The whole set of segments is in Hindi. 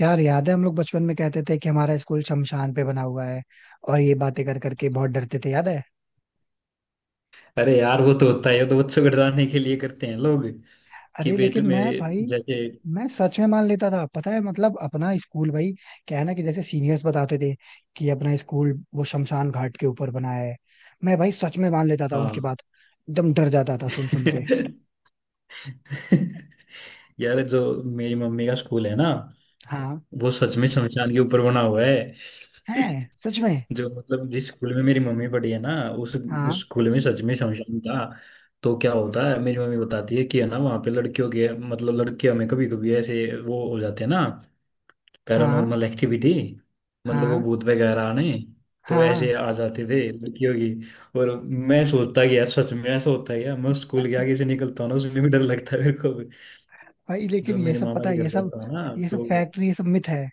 यार याद है हम लोग बचपन में कहते थे कि हमारा स्कूल शमशान पे बना हुआ है। और ये बातें कर करके बहुत डरते थे, याद है? अरे यार, वो तो होता है, वो तो बच्चों को डराने के लिए करते हैं लोग। कि अरे पेट लेकिन में मैं भाई, जैसे। मैं सच में मान लेता था, पता है? मतलब अपना स्कूल, भाई क्या है ना कि जैसे सीनियर्स बताते थे कि अपना स्कूल वो शमशान घाट के ऊपर बना है। मैं भाई सच में मान लेता था हाँ। उनकी बात। एकदम डर जाता था सुन सुन के। यार जो मेरी मम्मी का स्कूल है ना, हाँ, वो सच में शमशान के ऊपर बना हुआ है। है सच में? जो मतलब जिस स्कूल में मेरी मम्मी पढ़ी है ना, उस हाँ, स्कूल में सच में शमशान था। तो क्या होता है, मेरी मम्मी बताती है कि है ना, वहाँ पे लड़कियों के मतलब लड़के, हमें कभी कभी ऐसे वो हो जाते हैं ना, हाँ, पैरानॉर्मल एक्टिविटी। मतलब वो हाँ, भूत वगैरह आने, तो ऐसे हाँ आ जाते थे लड़कियों की। और मैं सोचता कि यार सच में ऐसा होता है। यार मैं स्कूल के आगे से निकलता हूँ ना, उसमें भी डर लगता है मेरे को भी। भाई जो लेकिन ये मेरे सब, मामा पता के है घर ये सब, जाता हूँ ना, ये सब तो फैक्ट, ये सब मिथ है।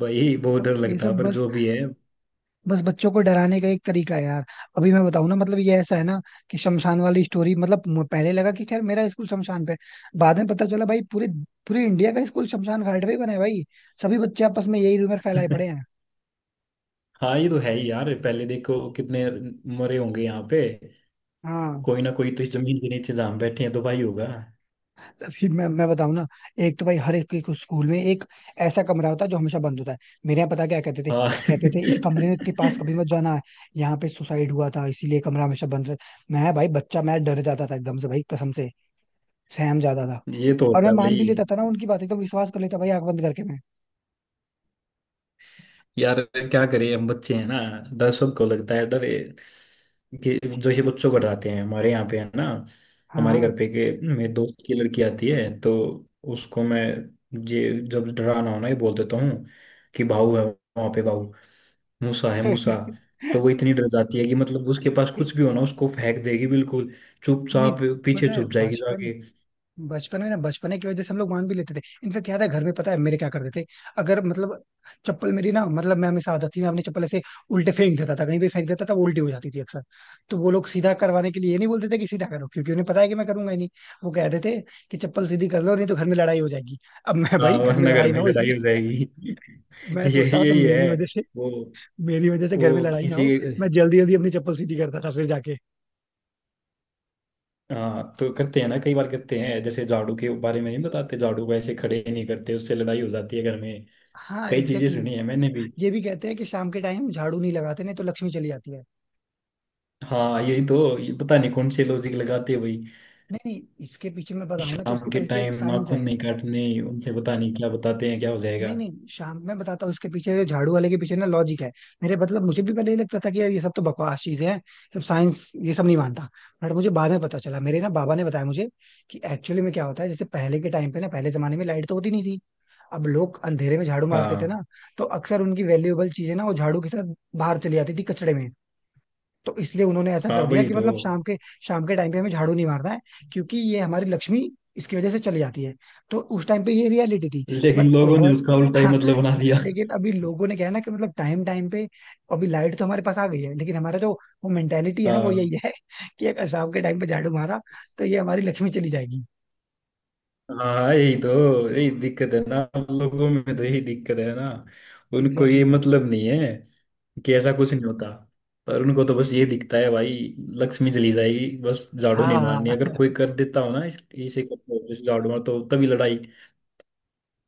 भाई बहुत मतलब डर ये लगता है, सब पर बस जो भी है। बस बच्चों को डराने का एक तरीका है यार। अभी मैं बताऊं ना, मतलब ये ऐसा है ना कि शमशान वाली स्टोरी, मतलब पहले लगा कि खैर मेरा स्कूल शमशान पे है। बाद में पता चला भाई पूरे पूरे इंडिया का स्कूल शमशान घाट पे ही बना है भाई। सभी बच्चे आपस में यही रूमर फैलाए पड़े हैं। हाँ ये तो है ही यार। पहले देखो कितने मरे होंगे यहाँ पे। हाँ, कोई ना कोई तो इस जमीन के नीचे जहाँ हम बैठे हैं, तो भाई होगा। अभी मैं बताऊं ना, एक तो भाई हर एक, एक स्कूल में एक ऐसा कमरा होता है जो हमेशा बंद होता है। मेरे यहाँ पता क्या कहते थे? हाँ। कहते थे इस कमरे के पास कभी मत जाना है, यहाँ पे सुसाइड हुआ था इसीलिए कमरा हमेशा बंद रह। मैं भाई बच्चा, मैं डर जाता था एकदम से भाई, कसम से। सहम जाता था। ये तो और होता मैं है मान भाई। भी लेता था ना उनकी बातें, तो विश्वास कर लेता भाई आंख बंद करके मैं। यार क्या करें, हम बच्चे हैं ना, डर सबको लगता है। कि जो ये बच्चों को डराते हैं, हमारे यहाँ पे है ना, हमारे हाँ घर पे के मेरे दोस्त की लड़की आती है, तो उसको मैं, ये जब डराना हो ना, ये बोल देता हूँ कि भाऊ है वहाँ पे, भाऊ, मूसा है, मूसा। तो वो इतनी डर जाती है कि मतलब उसके पास कुछ एक- भी हो ना, उसको फेंक देगी बिल्कुल नहीं, चुपचाप, पीछे पता है छुप जाएगी बचपन, जाके। बचपन है ना, बचपने की वजह से हम लोग मान भी लेते थे। इनफेक्ट याद है, घर में पता है मेरे क्या करते थे? अगर मतलब चप्पल मेरी, ना मतलब मैं, हमेशा आदत थी मैं अपनी चप्पल ऐसे उल्टे फेंक देता था, कहीं भी फेंक देता था, वो उल्टी हो जाती थी अक्सर। तो वो लोग सीधा करवाने के लिए ये नहीं बोलते थे कि सीधा करो, क्योंकि उन्हें पता है कि मैं करूंगा ही नहीं। वो कहते थे कि चप्पल सीधी कर लो नहीं तो घर में लड़ाई हो जाएगी। अब मैं हाँ भाई, घर में वरना घर लड़ाई ना में हो लड़ाई इसलिए हो जाएगी। मैं ये सोचता था, तो यही है। मेरी वजह से वो मेरी वजह से घर में वो लड़ाई ना किसी हो, मैं जल्दी जल्दी अपनी चप्पल सीधी करता था फिर जाके। हाँ तो करते हैं ना, कई बार करते हैं, जैसे झाड़ू के बारे में नहीं बताते, झाड़ू को ऐसे खड़े नहीं करते, उससे लड़ाई हो जाती है घर में। हाँ कई चीजें एग्जैक्टली सुनी है exactly. मैंने भी। ये भी कहते हैं कि शाम के टाइम झाड़ू नहीं लगाते, नहीं तो लक्ष्मी चली जाती है। हाँ यही तो, ये पता नहीं कौन से लॉजिक लगाते हैं भाई। नहीं नहीं, इसके पीछे मैं बताऊँ ना, तो शाम इसके के पीछे एक टाइम साइंस नाखून है। नहीं काटने, उनसे पता नहीं क्या बताते हैं क्या हो जाएगा। नहीं नहीं, शाम में बताता हूँ, इसके पीछे, झाड़ू वाले के पीछे ना लॉजिक है। मेरे मतलब, मुझे भी पहले ये लगता था कि यार ये सब तो बकवास चीजें हैं, सब साइंस ये सब नहीं मानता। बट मुझे बाद में पता चला, मेरे ना बाबा ने बताया मुझे कि एक्चुअली में क्या होता है, जैसे पहले के टाइम पे ना, पहले जमाने में लाइट तो होती नहीं थी। अब लोग अंधेरे में झाड़ू मारते थे हाँ ना, तो अक्सर उनकी वैल्यूएबल चीजें ना, वो झाड़ू के साथ बाहर चली जाती थी कचड़े में। तो इसलिए उन्होंने ऐसा हाँ कर दिया वही कि तो, मतलब शाम के टाइम पे हमें झाड़ू नहीं मारना है, क्योंकि ये हमारी लक्ष्मी, इसकी वजह से चली जाती है। तो उस टाइम पे ये रियलिटी थी। बट लेकिन लोगों ने ओवर, उसका उल्टा ही हाँ, मतलब बना दिया। लेकिन अभी लोगों ने क्या है ना, कि मतलब टाइम टाइम पे, अभी लाइट तो हमारे पास आ गई है लेकिन हमारा जो वो मेंटेलिटी है ना, वो हाँ। यही है कि अगर शाम के टाइम पे झाड़ू मारा तो ये हमारी लक्ष्मी चली जाएगी। हाँ यही तो, यही दिक्कत है ना हम लोगों में, तो यही दिक्कत है ना, उनको एग्जैक्टली ये exactly. मतलब नहीं है कि ऐसा कुछ नहीं होता। पर उनको तो बस ये दिखता है भाई, लक्ष्मी चली जाएगी बस, झाड़ू नहीं हाँ मारनी। हाँ, अगर कोई कर देता हो ना, इस इसे कर दो, इस झाड़ू मार, तो तभी लड़ाई,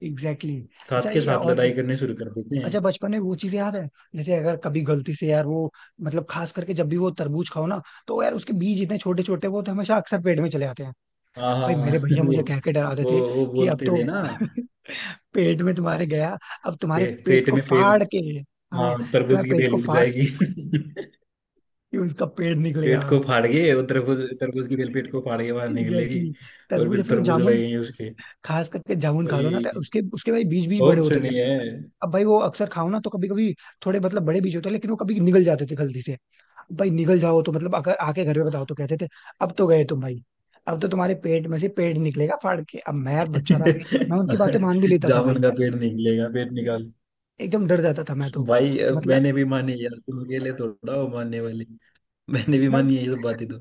एग्जैक्टली exactly. साथ अच्छा के ये साथ और भी, लड़ाई करने शुरू कर देते हैं। अच्छा बचपन में वो चीज याद है, जैसे अगर कभी गलती से यार वो, मतलब खास करके जब भी वो तरबूज खाओ ना, तो यार उसके बीज इतने छोटे छोटे, वो तो हमेशा अक्सर पेट में चले आते हैं। हाँ भाई, मेरे हाँ। भैया वो मुझे कह के डराते वो थे वो कि अब बोलते तो थे ना, पेट में तुम्हारे गया, अब तुम्हारे पे, पेट पेट को में पे फाड़ के, हाँ, हाँ तरबूज तुम्हारे की पेट को बेल उठ फाड़ जाएगी। के ये उसका पेट निकलेगा। पेट को फाड़ के वो तरबूज, तरबूज की बेल पेट को फाड़ के बाहर एग्जैक्टली निकलेगी। exactly. और तरबूज या फिर फिर वो तरबूज जामुन, लगेंगे उसके। खास करके जामुन खा लो ना, तो वही, उसके उसके भाई बीज भी बड़े बहुत होते थे। सुनी है। अब भाई वो अक्सर खाओ ना, तो कभी कभी थोड़े, मतलब बड़े बीज होते हैं, लेकिन वो कभी निकल जाते थे गलती से। भाई निकल जाओ तो मतलब अगर आके घर में बताओ तो कहते थे अब तो गए तुम भाई, अब तो तुम्हारे पेट में से पेट निकलेगा फाड़ के। अब मैं यार बच्चा था, मैं उनकी बातें मान भी लेता था जामुन भाई। का पेट निकलेगा, पेट निकाल। एकदम डर जाता था मैं तो। भाई अब मतलब मैंने भी मानी यार, तुम अकेले थोड़ा हो मानने वाले, मैंने भी मैं- मानी है ये सब बातें तो।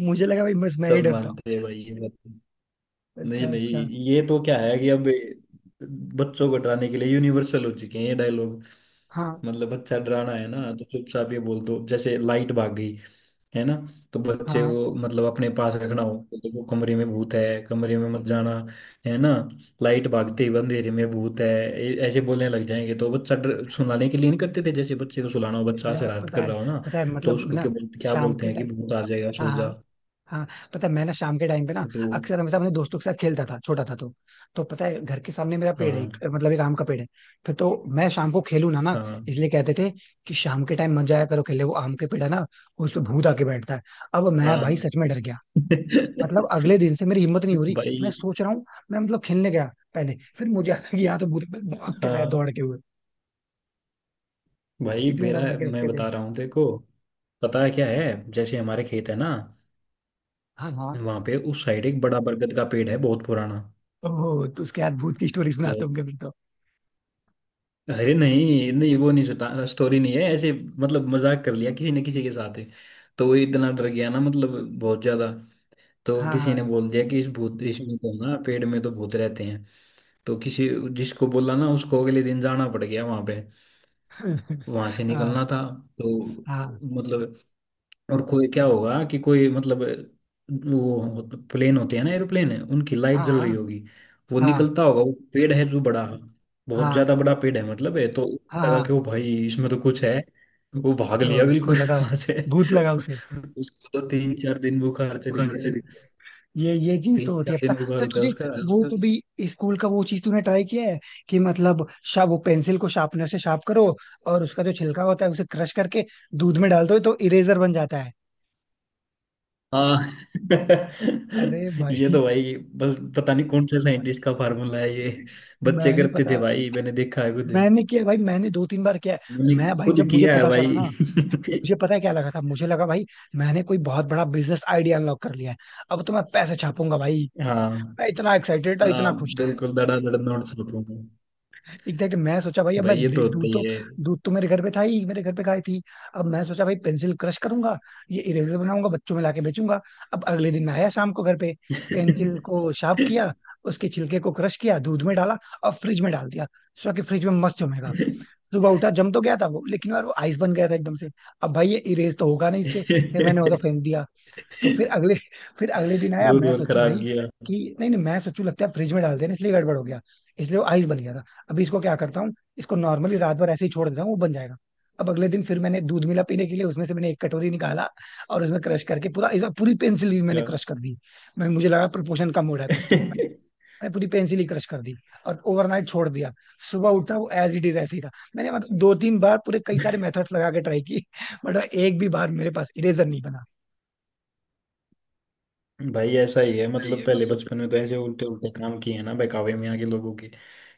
मुझे लगा भाई बस मैं ही सब डरता मानते हैं भाई ये बात। हूँ। नहीं अच्छा नहीं, अच्छा, ये तो क्या है कि अब बच्चों को डराने के लिए यूनिवर्सल हो चुके हैं ये डायलॉग। हाँ मतलब बच्चा डराना है ना, तो चुपचाप ये बोल दो, जैसे लाइट भाग गई, है ना, तो बच्चे हाँ, को मतलब अपने पास रखना हो, तो देखो कमरे में भूत है, कमरे में मत जाना, है ना। लाइट भागते ही अंधेरे में भूत है, ऐसे बोलने लग जाएंगे, तो बच्चा डर, सुलाने के लिए नहीं करते थे, जैसे बच्चे को सुलाना हो, बच्चा यार शरारत पता कर है, रहा हो ना, पता है, तो मतलब उसको ना क्या बोलते, शाम के हैं कि टाइम, भूत आ जाएगा, हाँ सो हाँ जा। हाँ, पता है मैं ना, शाम के टाइम पे ना तो अक्सर हमेशा अपने दोस्तों के साथ खेलता था, छोटा था तो। तो पता है, घर के सामने मेरा पेड़ है हाँ। एक, मतलब एक आम का पेड़ है। फिर तो मैं शाम को खेलू ना ना, हाँ। इसलिए कहते थे कि शाम के टाइम मत जाया करो खेलने, वो आम के पेड़ है ना, उस पे भूत आके बैठता है। अब मैं हाँ भाई सच में डर गया। भाई। मतलब अगले दिन से मेरी हिम्मत नहीं हो रही, मैं सोच रहा हूँ, मैं मतलब खेलने गया पहले, फिर मुझे आया कि यहाँ तो भूत, मैं भाग के आया हाँ दौड़ के हुए। भाई इतने मेरा, डर लगे मैं रखते थे। बता रहा हूँ तेरे को, पता है क्या है, जैसे हमारे खेत है ना, हाँ हाँ, वहां पे उस साइड एक बड़ा बरगद का पेड़ है, बहुत पुराना, ओह तो उसके बाद भूत की स्टोरी सुनाते बहुत- होंगे फिर तो। अरे नहीं नहीं, वो नहीं, सता स्टोरी नहीं है ऐसे, मतलब मजाक कर लिया किसी ने किसी के साथ ही। तो वो इतना डर गया ना, मतलब बहुत ज्यादा, तो हाँ किसी ने हाँ बोल दिया कि इस भूत, इसमें तो ना पेड़ में तो भूत रहते हैं। तो किसी, जिसको बोला ना, उसको अगले दिन जाना पड़ गया वहां पे, वहां से हाँ, निकलना था। तो हाँ, मतलब, और कोई क्या होगा कि कोई मतलब वो, प्लेन होते हैं ना, एरोप्लेन है, उनकी लाइट जल रही हाँ, होगी, वो हाँ, निकलता होगा, वो पेड़ है जो बड़ा, बहुत हाँ, ज्यादा बड़ा पेड़ है, मतलब है तो। हाँ, लगा कि हाँ। ओ भाई इसमें तो कुछ है, वो भाग तो लिया उसको बिल्कुल। लगा वहां से भूत लगा उसे। उसको तो तीन चार दिन बुखार चढ़ गया। ये चीज तीन तो होती चार है, दिन पता बुखार सर होता है तुझे? उसका। वो कभी स्कूल का वो चीज तूने ट्राई किया है कि मतलब, शा वो पेंसिल को शार्पनर से शार्प करो, और उसका जो छिलका होता है उसे क्रश करके दूध में डाल दो तो इरेजर बन जाता है। हाँ। अरे ये भाई, तो भाई, बस पता नहीं कौन से साइंटिस्ट का फार्मूला है ये। बच्चे मैंने करते पता थे है, भाई, मैंने देखा है खुद। मैंने किया भाई, मैंने दो तीन बार किया है। मैंने मैं भाई खुद जब मुझे किया है पता चला भाई। ना, मुझे पता है क्या लगा था, मुझे लगा भाई मैंने कोई बहुत बड़ा बिजनेस आइडिया अनलॉक कर लिया है। अब तो मैं पैसे छापूंगा भाई। हाँ मैं इतना एक्साइटेड था, हाँ, इतना खुश था। बिल्कुल धड़ाधड़ नोट्स बताऊंगा। एग्जैक्ट मैं सोचा भाई, अब मैं भाई ये तो होता दूध ही तो, है। दूध तो मेरे घर पे था ही, मेरे घर पे गाय थी। अब मैं सोचा भाई पेंसिल क्रश करूंगा, ये इरेजर बनाऊंगा बच्चों में लाके बेचूंगा। अब अगले दिन मैं आया शाम को घर पे, पेंसिल को शार्प किया, उसके छिलके को क्रश किया, दूध में डाला और फ्रिज में डाल दिया। सोचा कि फ्रिज में मस्त जमेगा। सुबह उठा, जम तो गया था वो, लेकिन यार वो आइस बन गया था एकदम से। अब भाई ये इरेज तो होगा नहीं इससे। फिर मैंने वो तो फेंक दिया। तो फिर अगले दिन आया, दूध मैं और सोचू खराब भाई किया। कि नहीं नहीं, मैं सोचू लगता है फ्रिज में डाल देना इसलिए गड़बड़ हो गया, इसलिए वो आइस बन गया था। अभी इसको क्या करता हूँ, इसको नॉर्मली रात भर ऐसे ही छोड़ देता हूँ वो बन जाएगा। अब अगले दिन फिर मैंने दूध मिला पीने के लिए, उसमें से मैंने एक कटोरी निकाला और उसमें क्रश करके पूरा, इस बार पूरी पेंसिल ही मैंने क्या। क्रश कर दी। मैं मुझे लगा प्रोपोर्शन कम हो रहा है कुछ तो। मैंने पूरी पेंसिल ही क्रश कर दी और ओवरनाइट छोड़ दिया। सुबह उठा, वो एज इट इज ऐसे ही था। मैंने मतलब दो तीन बार पूरे, कई सारे मेथड्स लगा के ट्राई की बट एक भी बार मेरे पास इरेजर नहीं बना। भाई ऐसा ही है, सही मतलब है पहले मतलब, बचपन में तो ऐसे उल्टे उल्टे काम किए हैं ना, बहकावे में आके लोगों के,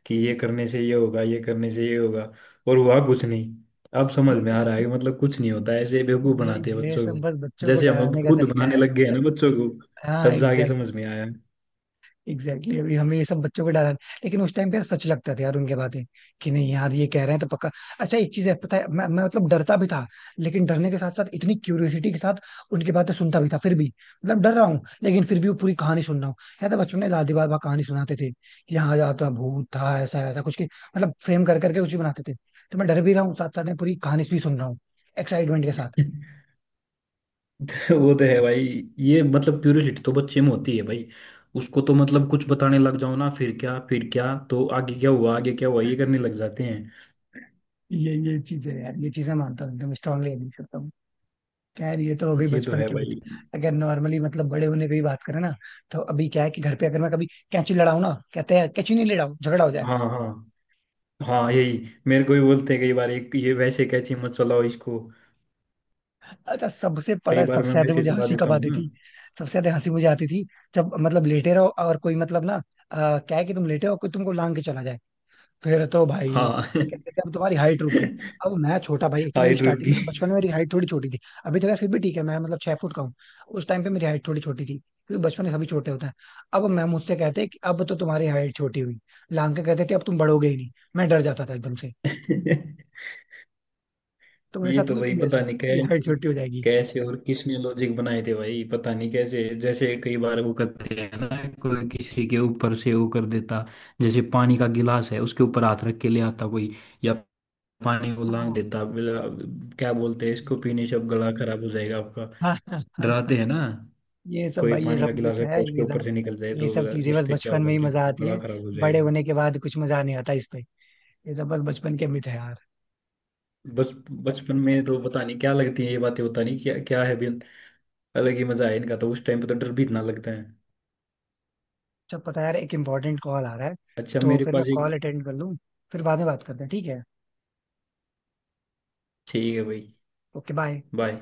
कि ये करने से ये होगा, ये करने से ये होगा, और हुआ कुछ नहीं। अब समझ वो में आ कुछ, रहा है कि मतलब कुछ नहीं होता, ऐसे बेवकूफ ये बनाते हैं ये बच्चों सब को, बस बच्चों को जैसे हम अब डराने का खुद तरीका बनाने है। लग गए हैं ना बच्चों को, हाँ तब जाके समझ एग्जैक्टली, में आया। एग्जैक्टली, अभी हमें ये सब बच्चों को डराने, लेकिन उस टाइम पे यार सच लगता था यार उनके बातें कि नहीं यार ये कह रहे हैं तो पक्का। अच्छा एक चीज है पता है, मैं मतलब डरता भी था लेकिन डरने के साथ साथ इतनी क्यूरियोसिटी के साथ उनकी बातें सुनता भी था फिर भी। मतलब डर रहा हूँ लेकिन फिर भी वो पूरी कहानी सुन रहा हूँ। यार तो बचपन में दादी बाबा कहानी सुनाते थे कि यहाँ जाता भूत था ऐसा ऐसा कुछ के, मतलब फ्रेम कर करके कुछ भी बनाते थे। तो मैं डर भी रहा हूँ, साथ साथ में पूरी कहानी भी सुन रहा हूँ एक्साइटमेंट के साथ। तो वो तो है भाई, ये मतलब क्यूरियोसिटी तो बच्चे में होती है भाई। उसको तो मतलब कुछ बताने लग जाओ ना, फिर क्या, तो आगे क्या हुआ, ये करने लग जाते हैं। ये चीज है यार, ये चीज मैं मानता हूँ, एकदम स्ट्रांगली एग्री करता हूँ। खैर ये तो हो गई ये तो बचपन है की मित्र। भाई। अगर नॉर्मली मतलब बड़े होने की भी बात करें ना, तो अभी क्या है कि घर पे अगर मैं कभी कैंची लड़ाऊं ना, कहते हैं कैंची नहीं लड़ाऊं झगड़ा हो जाएगा। हाँ। हाँ हाँ यही, मेरे को भी बोलते हैं कई बार, एक ये वैसे कैची मत चलाओ इसको। अच्छा सबसे कई बड़ा, बार सबसे मैं ज्यादा वैसे मुझे चला हंसी देता कब हूँ आती ना। थी, सबसे ज्यादा हंसी मुझे आती थी जब मतलब लेटे रहो और कोई मतलब ना, क्या है कि तुम लेटे हो कोई तुमको लांग के चला जाए। फिर तो भाई हाँ। क्या कहते हैं, अब तुम्हारी हाइट रुक गई। अब मैं छोटा भाई, एक तो मेरी हाइट रुक स्टार्टिंग गई। में ना, बचपन में मेरी हाइट थोड़ी छोटी थी। अभी तक है फिर भी ठीक है, मैं मतलब 6 फुट का हूँ। उस टाइम पे मेरी हाइट थोड़ी छोटी थी, क्योंकि बचपन में सभी छोटे होते हैं। अब मैं, मुझसे कहते कि अब तो तुम्हारी हाइट छोटी हुई, लांग के कहते थे अब तुम बढ़ोगे ही नहीं। मैं डर जाता था एकदम से। तो मेरे ये साथ तो हुआ भाई कभी पता ऐसा नहीं ये हाइट कैसे, छोटी हो जाएगी। और किसने लॉजिक बनाए थे भाई, पता नहीं कैसे। जैसे कई बार वो करते हैं ना, कोई किसी के ऊपर से वो कर देता, जैसे पानी का गिलास है, उसके ऊपर हाथ रख के ले आता कोई, या पानी को लांग हाँ देता, क्या बोलते हैं, इसको exactly. पीने से अब गला खराब हो जाएगा आपका। हाँ हाँ, हाँ, हाँ, डराते हैं ना। ये सब कोई भाई, ये पानी सब का गिलास मिथ रखा, है, उसके ये ऊपर सब, से निकल जाए ये तो, सब चीजें बस इससे क्या बचपन होगा में ही कि मजा आती बड़ा है। खराब हो बड़े जाएगा। होने के बाद कुछ मजा नहीं आता इस पे। ये सब बस बचपन के मिथ है। बच बचपन में तो पता नहीं क्या लगती है ये बातें, पता नहीं क्या क्या है भी। अलग ही मजा है इनका तो, उस टाइम पे तो डर भी इतना लगता है। अच्छा पता है यार, एक इम्पोर्टेंट कॉल आ रहा है, अच्छा तो मेरे फिर मैं पास एक, कॉल अटेंड कर लूँ, फिर बाद में बात करते हैं, ठीक है? ठीक है भाई, ओके बाय. बाय।